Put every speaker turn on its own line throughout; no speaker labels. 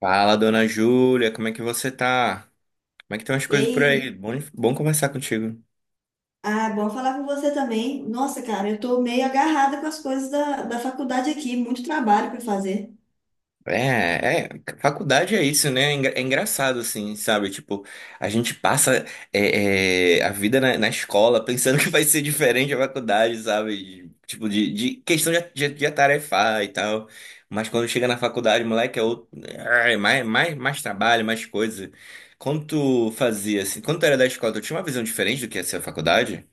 Fala, dona Júlia, como é que você tá? Como é que estão as
E
coisas por aí?
aí,
Bom, bom conversar contigo.
bom falar com você também. Nossa, cara, eu tô meio agarrada com as coisas da faculdade aqui, muito trabalho para fazer.
É, é, faculdade é isso, né? É engraçado, assim, sabe? Tipo, a gente passa a vida na escola pensando que vai ser diferente a faculdade, sabe? Tipo, de questão de atarefar e tal. Mas quando chega na faculdade, moleque, é outro. É, mais trabalho, mais coisa. Quando tu fazia, assim, quando tu era da escola, tu tinha uma visão diferente do que ia ser a faculdade?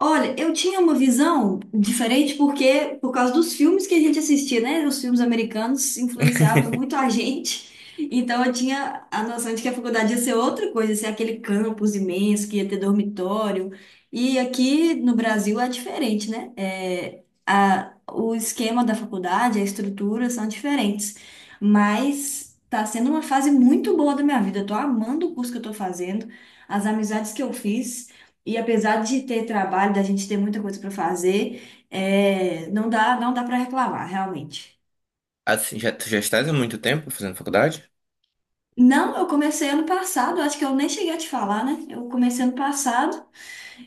Olha, eu tinha uma visão diferente porque, por causa dos filmes que a gente assistia, né? Os filmes americanos influenciavam muito a gente. Então eu tinha a noção de que a faculdade ia ser outra coisa, ia ser aquele campus imenso que ia ter dormitório. E aqui no Brasil é diferente, né? O esquema da faculdade, a estrutura são diferentes. Mas tá sendo uma fase muito boa da minha vida. Eu tô amando o curso que eu tô fazendo, as amizades que eu fiz. E apesar de ter trabalho, da gente ter muita coisa para fazer, não dá para reclamar, realmente.
Assim, já, tu já estás há muito tempo fazendo faculdade?
Não, eu comecei ano passado, acho que eu nem cheguei a te falar, né? Eu comecei ano passado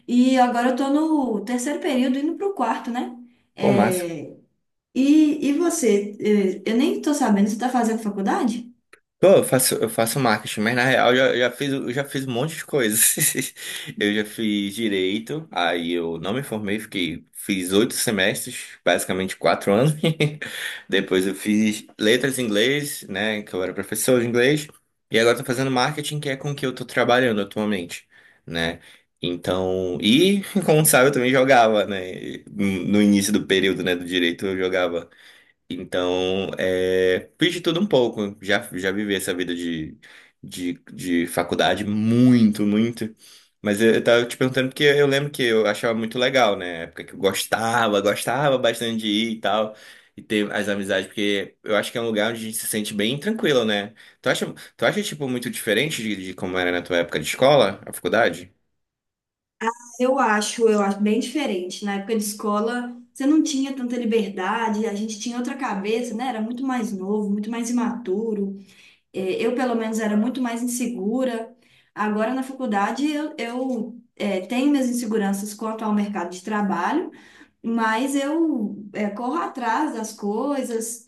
e agora eu tô no terceiro período, indo pro quarto, né?
Pô, massa.
É, e você? Eu nem tô sabendo, você tá fazendo faculdade?
Pô, eu faço marketing, mas na real eu já fiz um monte de coisas. Eu já fiz direito, aí eu não me formei, fiquei, fiz 8 semestres, basicamente 4 anos. Depois eu fiz letras em inglês, né, que eu era professor de inglês. E agora eu tô fazendo marketing, que é com o que eu tô trabalhando atualmente, né? Então, e como sabe, eu também jogava, né? No início do período, né, do direito, eu jogava. Então, é, fiz de tudo um pouco. Já vivi essa vida de, de faculdade muito, muito. Mas eu tava te perguntando porque eu lembro que eu achava muito legal, né? Época que gostava bastante de ir e tal. E ter as amizades, porque eu acho que é um lugar onde a gente se sente bem tranquilo, né? Tu acha, tu acha tipo, muito diferente de como era na tua época de escola, a faculdade?
Eu acho bem diferente. Na época de escola, você não tinha tanta liberdade, a gente tinha outra cabeça, né? Era muito mais novo, muito mais imaturo. Eu, pelo menos, era muito mais insegura. Agora, na faculdade, eu tenho minhas inseguranças quanto ao mercado de trabalho, mas eu corro atrás das coisas.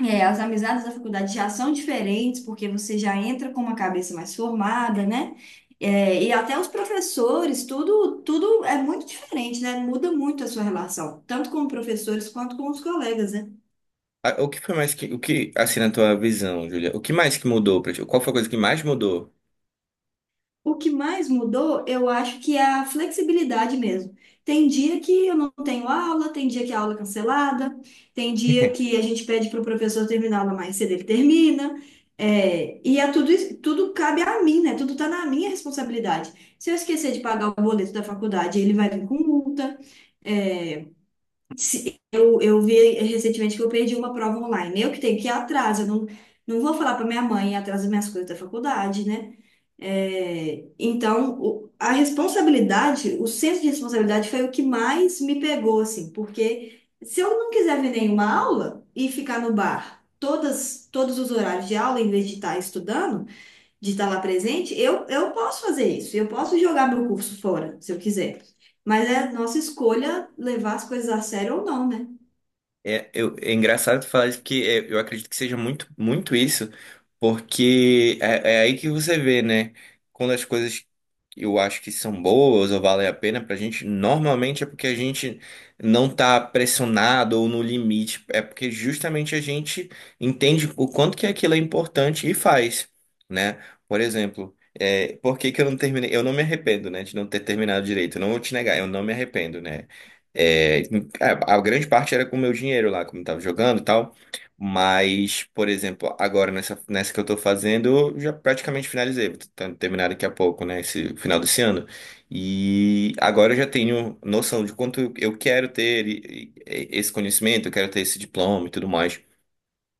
É, as amizades da faculdade já são diferentes, porque você já entra com uma cabeça mais formada, né? É, e até os professores, tudo é muito diferente, né? Muda muito a sua relação, tanto com professores quanto com os colegas, né?
Ah, o que foi mais o que, assim, na tua visão, Julia? O que mais que mudou pra ti? Qual foi a coisa que mais mudou?
O que mais mudou, eu acho que é a flexibilidade mesmo. Tem dia que eu não tenho aula, tem dia que a aula é cancelada, tem dia que a gente pede para o professor terminar a aula mais cedo, ele termina. Tudo cabe a mim, né? Tudo está na minha responsabilidade. Se eu esquecer de pagar o boleto da faculdade, ele vai vir com multa. É, eu vi recentemente que eu perdi uma prova online. Eu que tenho que ir atrás, eu não, não vou falar para minha mãe ir atrás das minhas coisas da faculdade, né? É, então, a responsabilidade, o senso de responsabilidade foi o que mais me pegou, assim, porque se eu não quiser ver nenhuma aula e ficar no bar todos os horários de aula, em vez de estar estudando, de estar lá presente, eu posso fazer isso, eu posso jogar meu curso fora, se eu quiser. Mas é nossa escolha levar as coisas a sério ou não, né?
É engraçado falar isso porque é, eu acredito que seja muito isso, porque é aí que você vê, né? Quando as coisas eu acho que são boas ou valem a pena pra gente, normalmente é porque a gente não tá pressionado ou no limite, é porque justamente a gente entende o quanto que aquilo é importante e faz, né? Por exemplo, é, por que que eu não terminei? Eu não me arrependo, né, de não ter terminado direito, eu não vou te negar, eu não me arrependo, né? É, a grande parte era com o meu dinheiro lá, como eu tava jogando e tal. Mas, por exemplo, agora nessa que eu tô fazendo, eu já praticamente finalizei. Vou tentar terminar daqui a pouco, né? Esse final desse ano. E agora eu já tenho noção de quanto eu quero ter esse conhecimento, eu quero ter esse diploma e tudo mais.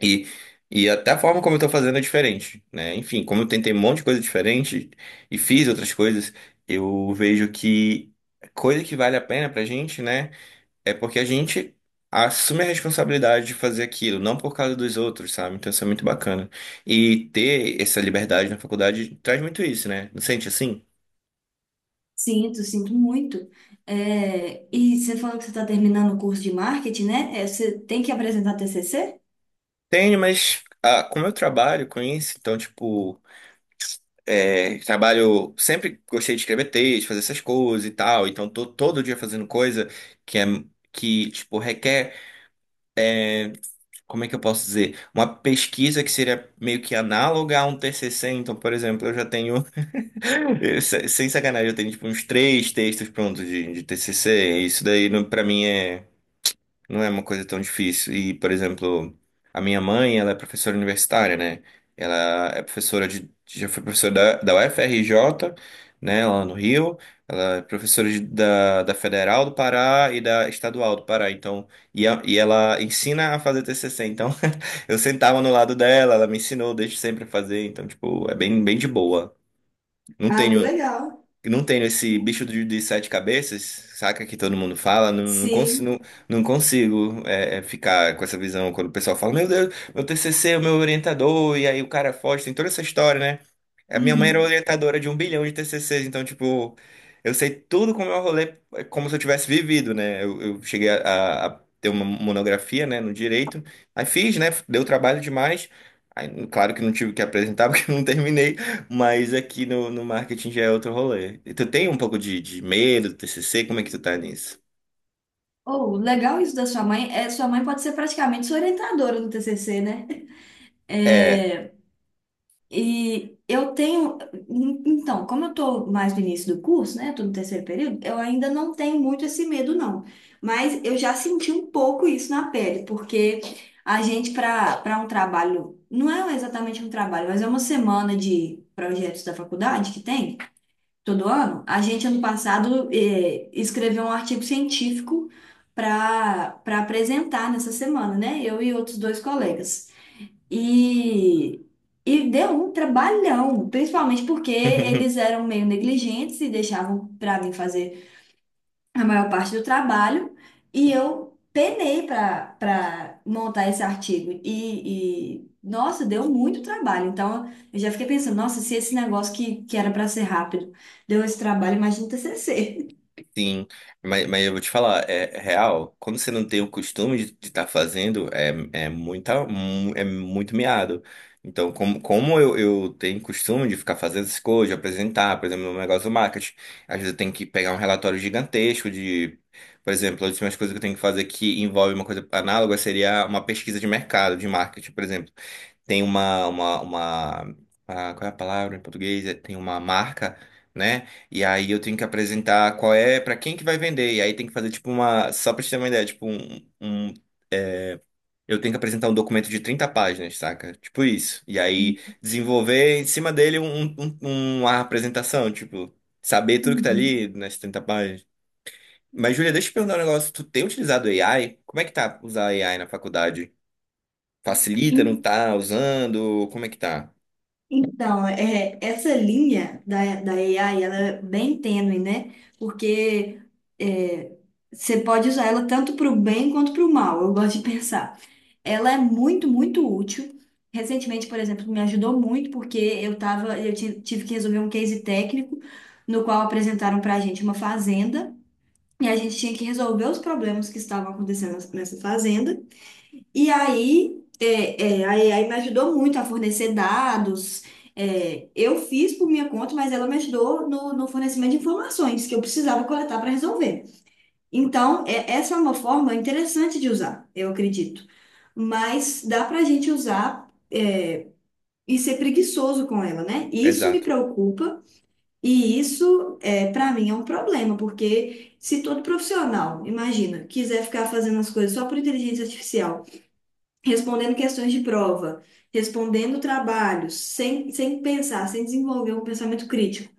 E, e até a forma como eu tô fazendo é diferente, né? Enfim, como eu tentei um monte de coisa diferente e fiz outras coisas, eu vejo que coisa que vale a pena pra gente, né? É porque a gente assume a responsabilidade de fazer aquilo, não por causa dos outros, sabe? Então isso é muito bacana. E ter essa liberdade na faculdade traz muito isso, né? Não sente assim?
Sinto, sinto muito. É, e você falou que você está terminando o curso de marketing, né? É, você tem que apresentar TCC?
Tenho, mas ah, como eu trabalho com isso, então, tipo, é, trabalho. Sempre gostei de escrever texto, fazer essas coisas e tal, então tô todo dia fazendo coisa que é. Que, tipo, requer, como é que eu posso dizer? Uma pesquisa que seria meio que análoga a um t TCC. Então, por exemplo, eu já tenho. Eu, sem sacanagem, eu tenho tipo uns 3 textos prontos de TCC. E isso daí não, para mim não é uma coisa tão difícil. E, por exemplo, a minha mãe, ela é professora universitária, né? Ela é professora de já foi professora da, da UFRJ, né, lá no Rio. Ela é professora de- da, da Federal do Pará e da Estadual do Pará. Então, e, e ela ensina a fazer TCC. Então, eu sentava no lado dela, ela me ensinou desde sempre a fazer. Então, tipo, é bem, bem de boa. Não
Ah, que
tenho
legal.
não tenho esse bicho de sete cabeças, saca que todo mundo fala,
Sim.
não consigo é, ficar com essa visão quando o pessoal fala, meu Deus, meu TCC, é o meu orientador, e aí o cara foge, tem toda essa história, né? A minha mãe era
Uhum.
orientadora de um bilhão de TCCs, então, tipo, eu sei tudo como é o rolê, é como se eu tivesse vivido, né? Eu cheguei a ter uma monografia, né, no direito, aí fiz, né? Deu trabalho demais. Aí, claro que não tive que apresentar porque eu não terminei, mas aqui no, no marketing já é outro rolê. E tu tem um pouco de medo do TCC? Como é que tu tá nisso?
Oh, legal isso da sua mãe. É, sua mãe pode ser praticamente sua orientadora no TCC, né?
É.
É, e eu tenho. Então, como eu estou mais no início do curso, né? Tô no terceiro período, eu ainda não tenho muito esse medo, não. Mas eu já senti um pouco isso na pele, porque a gente, para um trabalho, não é exatamente um trabalho, mas é uma semana de projetos da faculdade que tem todo ano. A gente, ano passado, escreveu um artigo científico para apresentar nessa semana, né? Eu e outros dois colegas. E, e deu um trabalhão, principalmente porque eles eram meio negligentes e deixavam para mim fazer a maior parte do trabalho e eu penei para montar esse artigo e nossa, deu muito trabalho. Então eu já fiquei pensando, nossa, se esse negócio que era para ser rápido deu esse trabalho, imagina o TCC.
Sim, mas eu vou te falar, é é real, quando você não tem o costume de estar fazendo, é muito miado. Então, como eu tenho costume de ficar fazendo essas coisas, de apresentar, por exemplo, meu negócio do marketing, às vezes eu tenho que pegar um relatório gigantesco de, por exemplo, as últimas coisas que eu tenho que fazer que envolve uma coisa análoga seria uma pesquisa de mercado, de marketing, por exemplo tem uma, ah, qual é a palavra em português? É, tem uma marca, né? E aí eu tenho que apresentar qual é, para quem que vai vender. E aí tem que fazer tipo uma, só pra te ter uma ideia, eu tenho que apresentar um documento de 30 páginas, saca? Tipo isso. E aí desenvolver em cima dele um, um- um, uma apresentação, tipo, saber tudo que tá
Uhum.
ali nas 30 páginas. Mas, Júlia, deixa eu te perguntar um negócio. Tu tem utilizado AI? Como é que tá usar AI na faculdade? Facilita, não
Em-
tá usando? Como é que tá?
Então, é, essa linha da AI, ela é bem tênue, né? Porque é, você pode usar ela tanto para o bem quanto para o mal, eu gosto de pensar. Ela é muito, muito útil. Recentemente, por exemplo, me ajudou muito porque eu tava, eu ti- tive que resolver um case técnico no qual apresentaram para a gente uma fazenda e a gente tinha que resolver os problemas que estavam acontecendo nessa fazenda. E aí, é, é, aí, aí me ajudou muito a fornecer dados. É, eu fiz por minha conta, mas ela me ajudou no fornecimento de informações que eu precisava coletar para resolver. Então, essa é uma forma interessante de usar, eu acredito. Mas dá para a gente usar e ser preguiçoso com ela, né? Isso me
Exato.
preocupa e isso, é, para mim, é um problema, porque se todo profissional, imagina, quiser ficar fazendo as coisas só por inteligência artificial, respondendo questões de prova, respondendo trabalhos, sem pensar, sem desenvolver um pensamento crítico,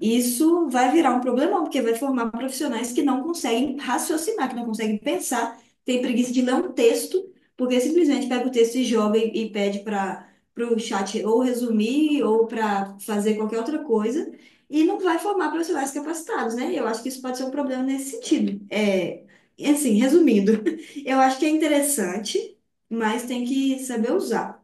isso vai virar um problemão, porque vai formar profissionais que não conseguem raciocinar, que não conseguem pensar, tem preguiça de ler um texto, porque simplesmente pega o texto e joga e pede para o chat ou resumir ou para fazer qualquer outra coisa, e não vai formar profissionais capacitados, né? Eu acho que isso pode ser um problema nesse sentido. É, e assim, resumindo, eu acho que é interessante, mas tem que saber usar.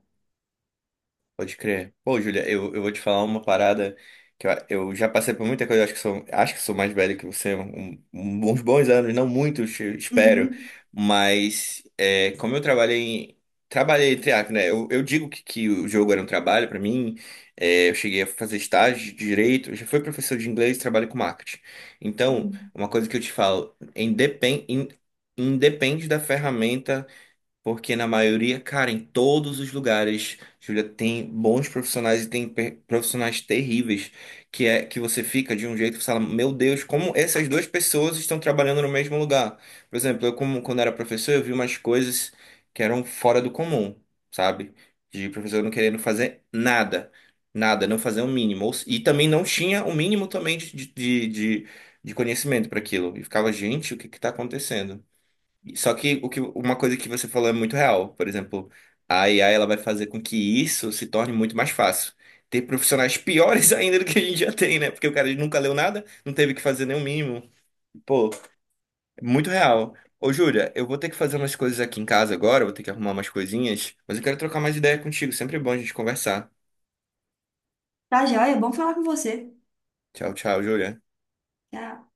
Pode crer. Pô, Júlia, eu vou te falar uma parada que eu já passei por muita coisa, acho que sou mais velho que você, uns bons anos, não muitos, eu espero,
Uhum,
mas é, como eu trabalhei, trabalhei entre aspas, né? Eu digo que o jogo era um trabalho para mim, é, eu cheguei a fazer estágio de direito, eu já fui professor de inglês, trabalho com marketing. Então,
uhum.
uma coisa que eu te falo, independe da ferramenta porque na maioria, cara, em todos os lugares, Júlia, tem bons profissionais e tem profissionais terríveis, que é que você fica de um jeito que você fala, meu Deus, como essas duas pessoas estão trabalhando no mesmo lugar. Por exemplo, eu como quando era professor, eu vi umas coisas que eram fora do comum, sabe? De professor não querendo fazer nada, nada, não fazer o mínimo. Ou se- E também não tinha o mínimo também de conhecimento para aquilo. E ficava, gente, o que que tá acontecendo? Só que, o que uma coisa que você falou é muito real. Por exemplo, a IA ela vai fazer com que isso se torne muito mais fácil. Ter profissionais piores ainda do que a gente já tem, né? Porque o cara nunca leu nada, não teve que fazer nenhum mínimo. Pô, é muito real. Ô, Júlia, eu vou ter que fazer umas coisas aqui em casa agora, vou ter que arrumar umas coisinhas, mas eu quero trocar mais ideia contigo. Sempre é bom a gente conversar.
Tá, joia, é bom falar com você.
Tchau, tchau, Júlia.
Tchau.